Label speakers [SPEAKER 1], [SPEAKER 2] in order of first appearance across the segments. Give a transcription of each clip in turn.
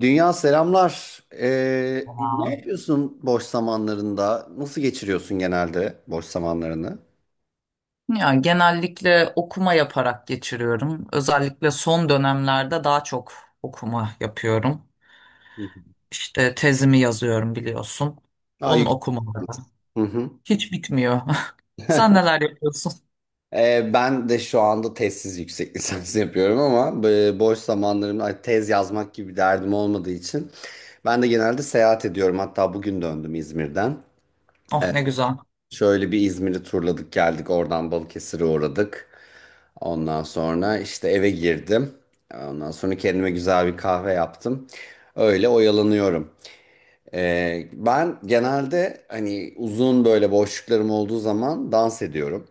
[SPEAKER 1] Dünya selamlar. Ne
[SPEAKER 2] Tamam.
[SPEAKER 1] yapıyorsun boş zamanlarında? Nasıl geçiriyorsun genelde boş zamanlarını?
[SPEAKER 2] Ya genellikle okuma yaparak geçiriyorum. Özellikle son dönemlerde daha çok okuma yapıyorum.
[SPEAKER 1] Hı hı.
[SPEAKER 2] İşte tezimi yazıyorum biliyorsun.
[SPEAKER 1] Aa,
[SPEAKER 2] Onun
[SPEAKER 1] yük-
[SPEAKER 2] okumaları
[SPEAKER 1] Hı hı.
[SPEAKER 2] hiç bitmiyor. Sen neler yapıyorsun?
[SPEAKER 1] Ben de şu anda tezsiz yüksek lisans yapıyorum ama boş zamanlarımda ay, tez yazmak gibi derdim olmadığı için ben de genelde seyahat ediyorum. Hatta bugün döndüm İzmir'den.
[SPEAKER 2] Oh ne güzel.
[SPEAKER 1] Şöyle bir İzmir'i turladık geldik oradan Balıkesir'e uğradık. Ondan sonra işte eve girdim. Ondan sonra kendime güzel bir kahve yaptım. Öyle oyalanıyorum. Ben genelde hani uzun böyle boşluklarım olduğu zaman dans ediyorum.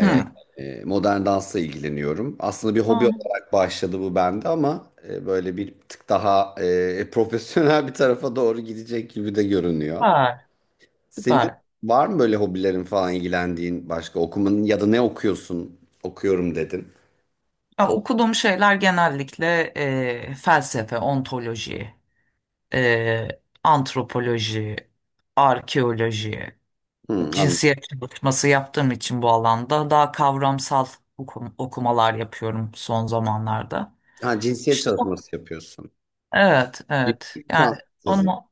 [SPEAKER 2] Hmm.
[SPEAKER 1] Modern dansla ilgileniyorum. Aslında bir hobi
[SPEAKER 2] Aa,
[SPEAKER 1] olarak başladı bu bende ama böyle bir tık daha profesyonel bir tarafa doğru gidecek gibi de görünüyor.
[SPEAKER 2] süper,
[SPEAKER 1] Senin
[SPEAKER 2] süper.
[SPEAKER 1] var mı böyle hobilerin falan ilgilendiğin başka okumanın ya da ne okuyorsun? Okuyorum dedin.
[SPEAKER 2] Ya, okuduğum şeyler genellikle felsefe, ontoloji, e, antropoloji, arkeoloji.
[SPEAKER 1] Hı, anladım.
[SPEAKER 2] Cinsiyet çalışması yaptığım için bu alanda daha kavramsal okumalar yapıyorum son zamanlarda.
[SPEAKER 1] Ha, cinsiyet
[SPEAKER 2] İşte
[SPEAKER 1] çalışması yapıyorsun.
[SPEAKER 2] evet, evet.
[SPEAKER 1] Yüksek lisans
[SPEAKER 2] Yani
[SPEAKER 1] tezin.
[SPEAKER 2] onu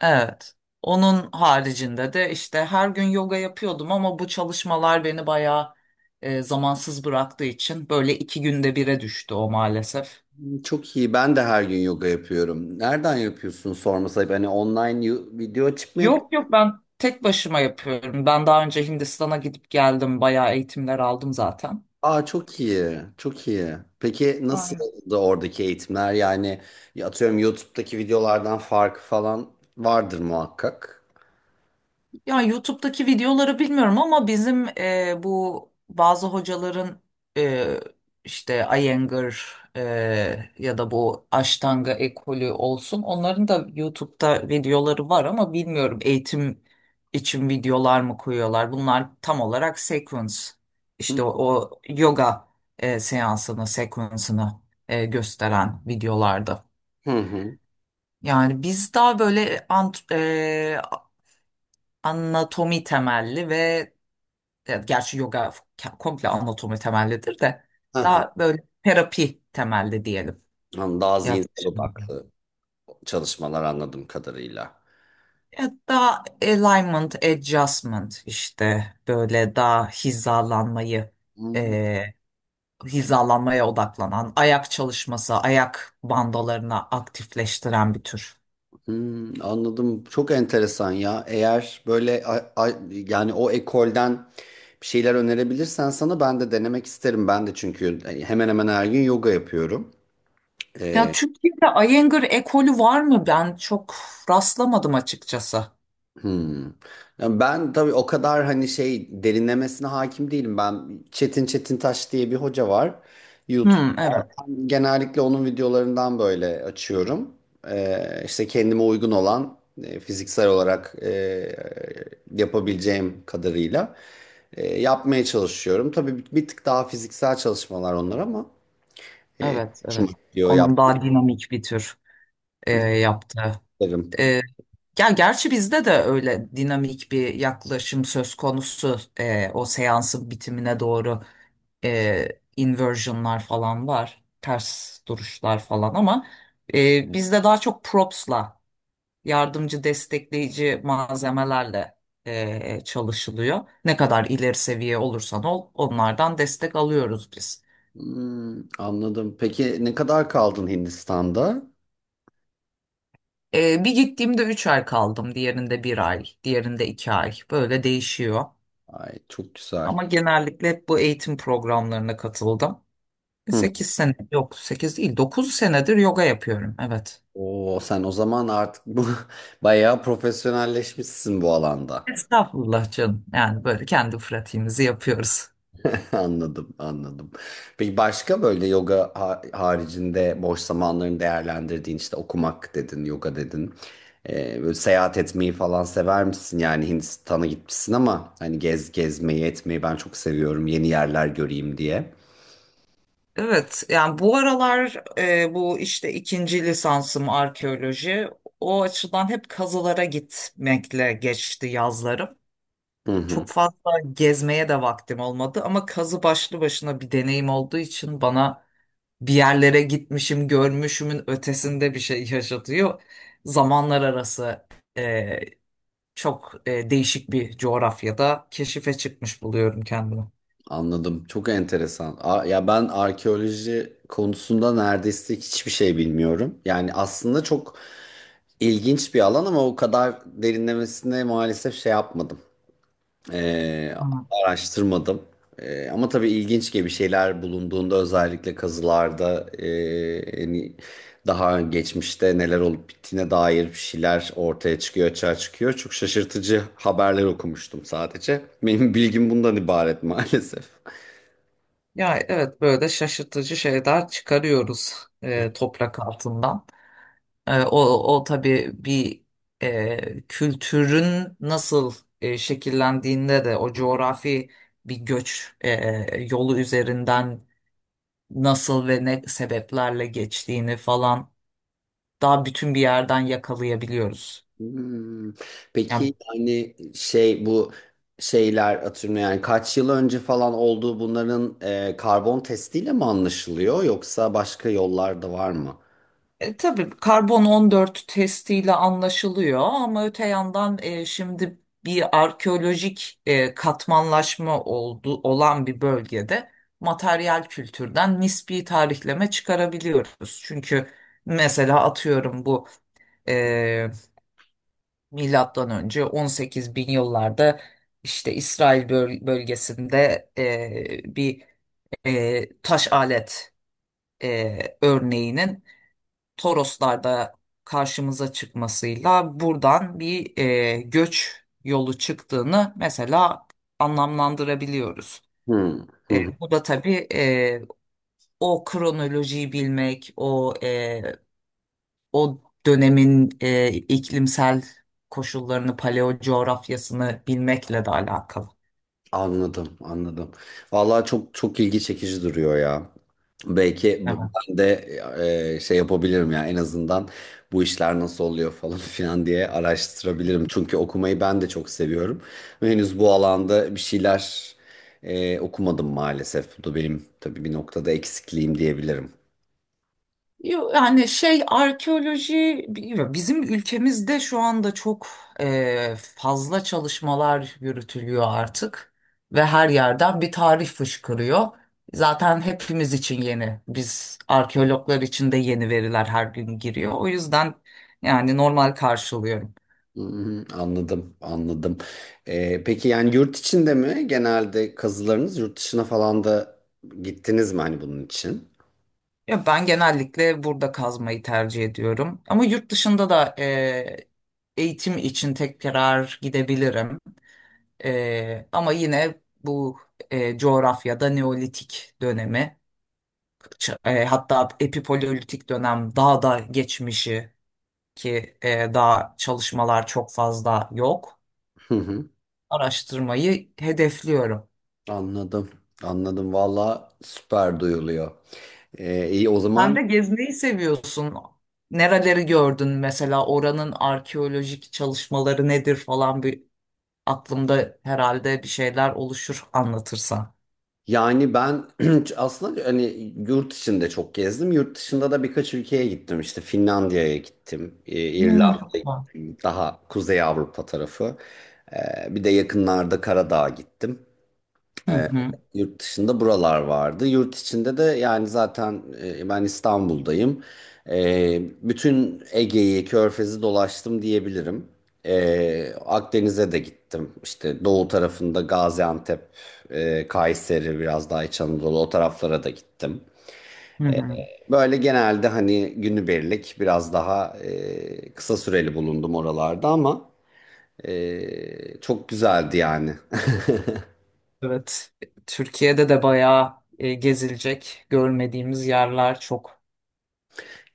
[SPEAKER 2] evet. Onun haricinde de işte her gün yoga yapıyordum ama bu çalışmalar beni bayağı zamansız bıraktığı için böyle iki günde bire düştü o maalesef.
[SPEAKER 1] Çok iyi. Ben de her gün yoga yapıyorum. Nereden yapıyorsun sorması ayıp. Hani online video açıp mı yapıyorsun?
[SPEAKER 2] Yok yok, ben tek başıma yapıyorum. Ben daha önce Hindistan'a gidip geldim. Bayağı eğitimler aldım zaten.
[SPEAKER 1] Aa çok iyi. Çok iyi. Peki nasıl da oradaki eğitimler? Yani ya atıyorum YouTube'daki videolardan farkı falan vardır muhakkak.
[SPEAKER 2] Ya YouTube'daki videoları bilmiyorum ama bizim bu bazı hocaların e, işte Iyengar ya da bu Ashtanga ekolü olsun, onların da YouTube'da videoları var ama bilmiyorum eğitim için videolar mı koyuyorlar. Bunlar tam olarak sequence, işte
[SPEAKER 1] Hı
[SPEAKER 2] o yoga seansını, sequence'ını gösteren videolarda.
[SPEAKER 1] hı. Hı.
[SPEAKER 2] Yani biz daha böyle anatomi temelli ve evet, gerçi yoga komple anatomi temellidir de
[SPEAKER 1] Hı hı.
[SPEAKER 2] daha böyle terapi temelli diyelim
[SPEAKER 1] Anladım. Daha zihinsel
[SPEAKER 2] yaklaşım.
[SPEAKER 1] odaklı çalışmalar anladığım kadarıyla.
[SPEAKER 2] Evet, daha alignment, adjustment, işte böyle daha
[SPEAKER 1] Hı.
[SPEAKER 2] e, hizalanmaya odaklanan, ayak çalışması, ayak bandalarına aktifleştiren bir tür.
[SPEAKER 1] Hmm, anladım. Çok enteresan ya. Eğer böyle yani o ekolden bir şeyler önerebilirsen sana ben de denemek isterim. Ben de çünkü hani, hemen hemen her gün yoga yapıyorum.
[SPEAKER 2] Ya Türkiye'de Iyengar ekolü var mı? Ben çok rastlamadım açıkçası.
[SPEAKER 1] Hmm. Yani ben tabii o kadar hani şey derinlemesine hakim değilim. Ben Çetin Taş diye bir hoca var YouTube'da.
[SPEAKER 2] Hmm, evet,
[SPEAKER 1] Ben genellikle onun videolarından böyle açıyorum. İşte kendime uygun olan fiziksel olarak yapabileceğim kadarıyla yapmaya çalışıyorum. Tabii bir tık daha fiziksel çalışmalar onlar ama e,
[SPEAKER 2] evet,
[SPEAKER 1] şunu
[SPEAKER 2] evet.
[SPEAKER 1] diyor
[SPEAKER 2] Onun daha dinamik bir tür yaptığı.
[SPEAKER 1] yaptığım.
[SPEAKER 2] Ya gerçi bizde de öyle dinamik bir yaklaşım söz konusu. O seansın bitimine doğru e, inversionlar falan var, ters duruşlar falan, ama bizde daha çok propsla, yardımcı destekleyici malzemelerle çalışılıyor. Ne kadar ileri seviye olursan ol, onlardan destek alıyoruz biz.
[SPEAKER 1] Hmm, anladım. Peki ne kadar kaldın Hindistan'da?
[SPEAKER 2] Bir gittiğimde 3 ay kaldım, diğerinde bir ay, diğerinde 2 ay, böyle değişiyor.
[SPEAKER 1] Ay çok güzel.
[SPEAKER 2] Ama genellikle hep bu eğitim programlarına katıldım.
[SPEAKER 1] Hı.
[SPEAKER 2] 8 sene, yok 8 değil, 9 senedir yoga yapıyorum. Evet.
[SPEAKER 1] Oo, sen o zaman artık bu bayağı profesyonelleşmişsin bu alanda.
[SPEAKER 2] Estağfurullah canım. Yani böyle kendi pratiğimizi yapıyoruz.
[SPEAKER 1] Anladım, anladım. Peki başka böyle yoga haricinde boş zamanlarını değerlendirdiğin işte okumak dedin, yoga dedin. Böyle seyahat etmeyi falan sever misin? Yani Hindistan'a gitmişsin ama hani gezmeyi etmeyi ben çok seviyorum yeni yerler göreyim diye.
[SPEAKER 2] Evet, yani bu aralar bu işte ikinci lisansım arkeoloji. O açıdan hep kazılara gitmekle geçti yazlarım.
[SPEAKER 1] Hı hı,
[SPEAKER 2] Çok fazla gezmeye de vaktim olmadı ama kazı başlı başına bir deneyim olduğu için bana bir yerlere gitmişim, görmüşümün ötesinde bir şey yaşatıyor. Zamanlar arası e, çok değişik bir coğrafyada keşife çıkmış buluyorum kendimi.
[SPEAKER 1] anladım. Çok enteresan. Ya ben arkeoloji konusunda neredeyse hiçbir şey bilmiyorum. Yani aslında çok İlginç bir alan ama o kadar derinlemesine maalesef şey yapmadım. Ee,
[SPEAKER 2] Hı.
[SPEAKER 1] Araştırmadım. Ama tabii ilginç gibi şeyler bulunduğunda özellikle kazılarda hani daha geçmişte neler olup bittiğine dair bir şeyler ortaya çıkıyor, açığa çıkıyor. Çok şaşırtıcı haberler okumuştum sadece. Benim bilgim bundan ibaret maalesef.
[SPEAKER 2] Ya evet, böyle şaşırtıcı şeyler çıkarıyoruz toprak altından. E, o, o tabii bir kültürün nasıl şekillendiğinde de o coğrafi bir göç yolu üzerinden nasıl ve ne sebeplerle geçtiğini falan daha bütün bir yerden yakalayabiliyoruz.
[SPEAKER 1] Hmm.
[SPEAKER 2] Yani
[SPEAKER 1] Peki yani şey bu şeyler atıyorum yani kaç yıl önce falan olduğu bunların karbon testiyle mi anlaşılıyor yoksa başka yollar da var mı?
[SPEAKER 2] tabii karbon 14 testiyle anlaşılıyor ama öte yandan şimdi bir arkeolojik katmanlaşma olan bir bölgede materyal kültürden nispi tarihleme çıkarabiliyoruz. Çünkü mesela atıyorum bu e, milattan önce 18 bin yıllarda işte İsrail bölgesinde bir taş alet örneğinin Toroslarda karşımıza çıkmasıyla buradan bir göç yolu çıktığını mesela anlamlandırabiliyoruz.
[SPEAKER 1] Hmm. Hı.
[SPEAKER 2] Bu da tabii o kronolojiyi bilmek, o dönemin iklimsel koşullarını, paleo coğrafyasını bilmekle de alakalı.
[SPEAKER 1] Anladım, anladım. Vallahi çok çok ilgi çekici duruyor ya. Belki ben de şey yapabilirim ya en azından bu işler nasıl oluyor falan filan diye araştırabilirim. Çünkü okumayı ben de çok seviyorum. Ve henüz bu alanda bir şeyler okumadım maalesef. Bu da benim tabii bir noktada eksikliğim diyebilirim.
[SPEAKER 2] Yo, yani şey, arkeoloji bilmiyorum. Bizim ülkemizde şu anda çok fazla çalışmalar yürütülüyor artık ve her yerden bir tarih fışkırıyor. Zaten hepimiz için yeni. Biz arkeologlar için de yeni veriler her gün giriyor. O yüzden yani normal karşılıyorum.
[SPEAKER 1] Hmm, anladım, anladım. Peki yani yurt içinde mi genelde kazılarınız, yurt dışına falan da gittiniz mi hani bunun için?
[SPEAKER 2] Ya ben genellikle burada kazmayı tercih ediyorum. Ama yurt dışında da eğitim için tekrar gidebilirim. Ama yine bu coğrafyada Neolitik dönemi, hatta epipaleolitik dönem, daha da geçmişi ki daha çalışmalar çok fazla yok. Araştırmayı hedefliyorum.
[SPEAKER 1] Anladım. Anladım. Valla süper duyuluyor. İyi o
[SPEAKER 2] Sen
[SPEAKER 1] zaman
[SPEAKER 2] de gezmeyi seviyorsun. Nereleri gördün mesela, oranın arkeolojik çalışmaları nedir falan, bir aklımda herhalde bir şeyler oluşur anlatırsan.
[SPEAKER 1] yani ben aslında hani yurt içinde çok gezdim. Yurt dışında da birkaç ülkeye gittim. İşte Finlandiya'ya gittim.
[SPEAKER 2] Hmm.
[SPEAKER 1] İrlanda'ya
[SPEAKER 2] Tamam.
[SPEAKER 1] gittim. Daha Kuzey Avrupa tarafı. Bir de yakınlarda Karadağ'a gittim.
[SPEAKER 2] Hı hı.
[SPEAKER 1] Yurt dışında buralar vardı. Yurt içinde de yani zaten ben İstanbul'dayım. E, Bütün Ege'yi, Körfez'i dolaştım diyebilirim. Akdeniz'e de gittim. İşte doğu tarafında Gaziantep, Kayseri, biraz daha İç Anadolu o taraflara da gittim.
[SPEAKER 2] Hı hı.
[SPEAKER 1] Böyle genelde hani günübirlik biraz daha kısa süreli bulundum oralarda ama çok güzeldi yani.
[SPEAKER 2] Evet, Türkiye'de de bayağı gezilecek görmediğimiz yerler çok.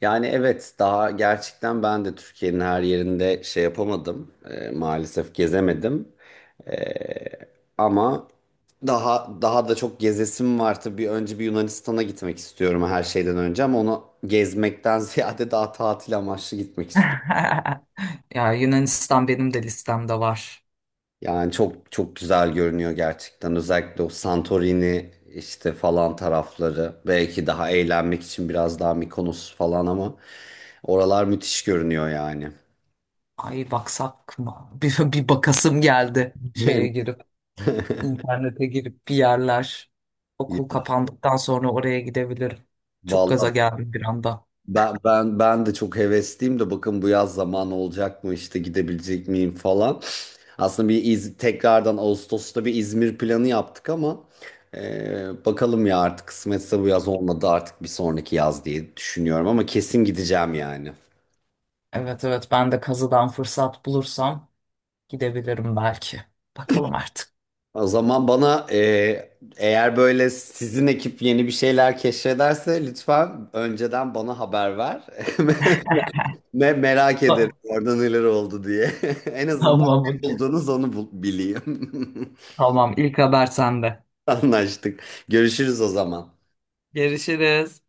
[SPEAKER 1] Yani evet daha gerçekten ben de Türkiye'nin her yerinde şey yapamadım. Maalesef gezemedim. Ee, Ama daha daha da çok gezesim var tabii. Önce bir Yunanistan'a gitmek istiyorum her şeyden önce ama onu gezmekten ziyade daha tatil amaçlı gitmek istiyorum.
[SPEAKER 2] Ya Yunanistan benim de listemde var.
[SPEAKER 1] Yani çok çok güzel görünüyor gerçekten. Özellikle o Santorini işte falan tarafları. Belki daha eğlenmek için biraz daha Mikonos falan ama oralar müthiş görünüyor yani.
[SPEAKER 2] Ay baksak mı? Bir bakasım geldi şeye girip, internete girip bir yerler.
[SPEAKER 1] Ya,
[SPEAKER 2] Okul kapandıktan sonra oraya gidebilirim. Çok gaza
[SPEAKER 1] vallahi
[SPEAKER 2] geldim bir anda.
[SPEAKER 1] ben de çok hevesliyim de bakın bu yaz zaman olacak mı işte gidebilecek miyim falan. Aslında bir tekrardan Ağustos'ta bir İzmir planı yaptık ama bakalım ya artık kısmetse bu yaz olmadı artık bir sonraki yaz diye düşünüyorum ama kesin gideceğim yani.
[SPEAKER 2] Evet evet, ben de kazıdan fırsat bulursam gidebilirim belki. Bakalım artık.
[SPEAKER 1] O zaman bana eğer böyle sizin ekip yeni bir şeyler keşfederse lütfen önceden bana haber ver. Merak ederim orada neler oldu diye. En azından
[SPEAKER 2] Tamam,
[SPEAKER 1] ne
[SPEAKER 2] okey.
[SPEAKER 1] buldunuz onu bileyim.
[SPEAKER 2] Tamam, ilk haber sende.
[SPEAKER 1] Anlaştık. Görüşürüz o zaman.
[SPEAKER 2] Görüşürüz.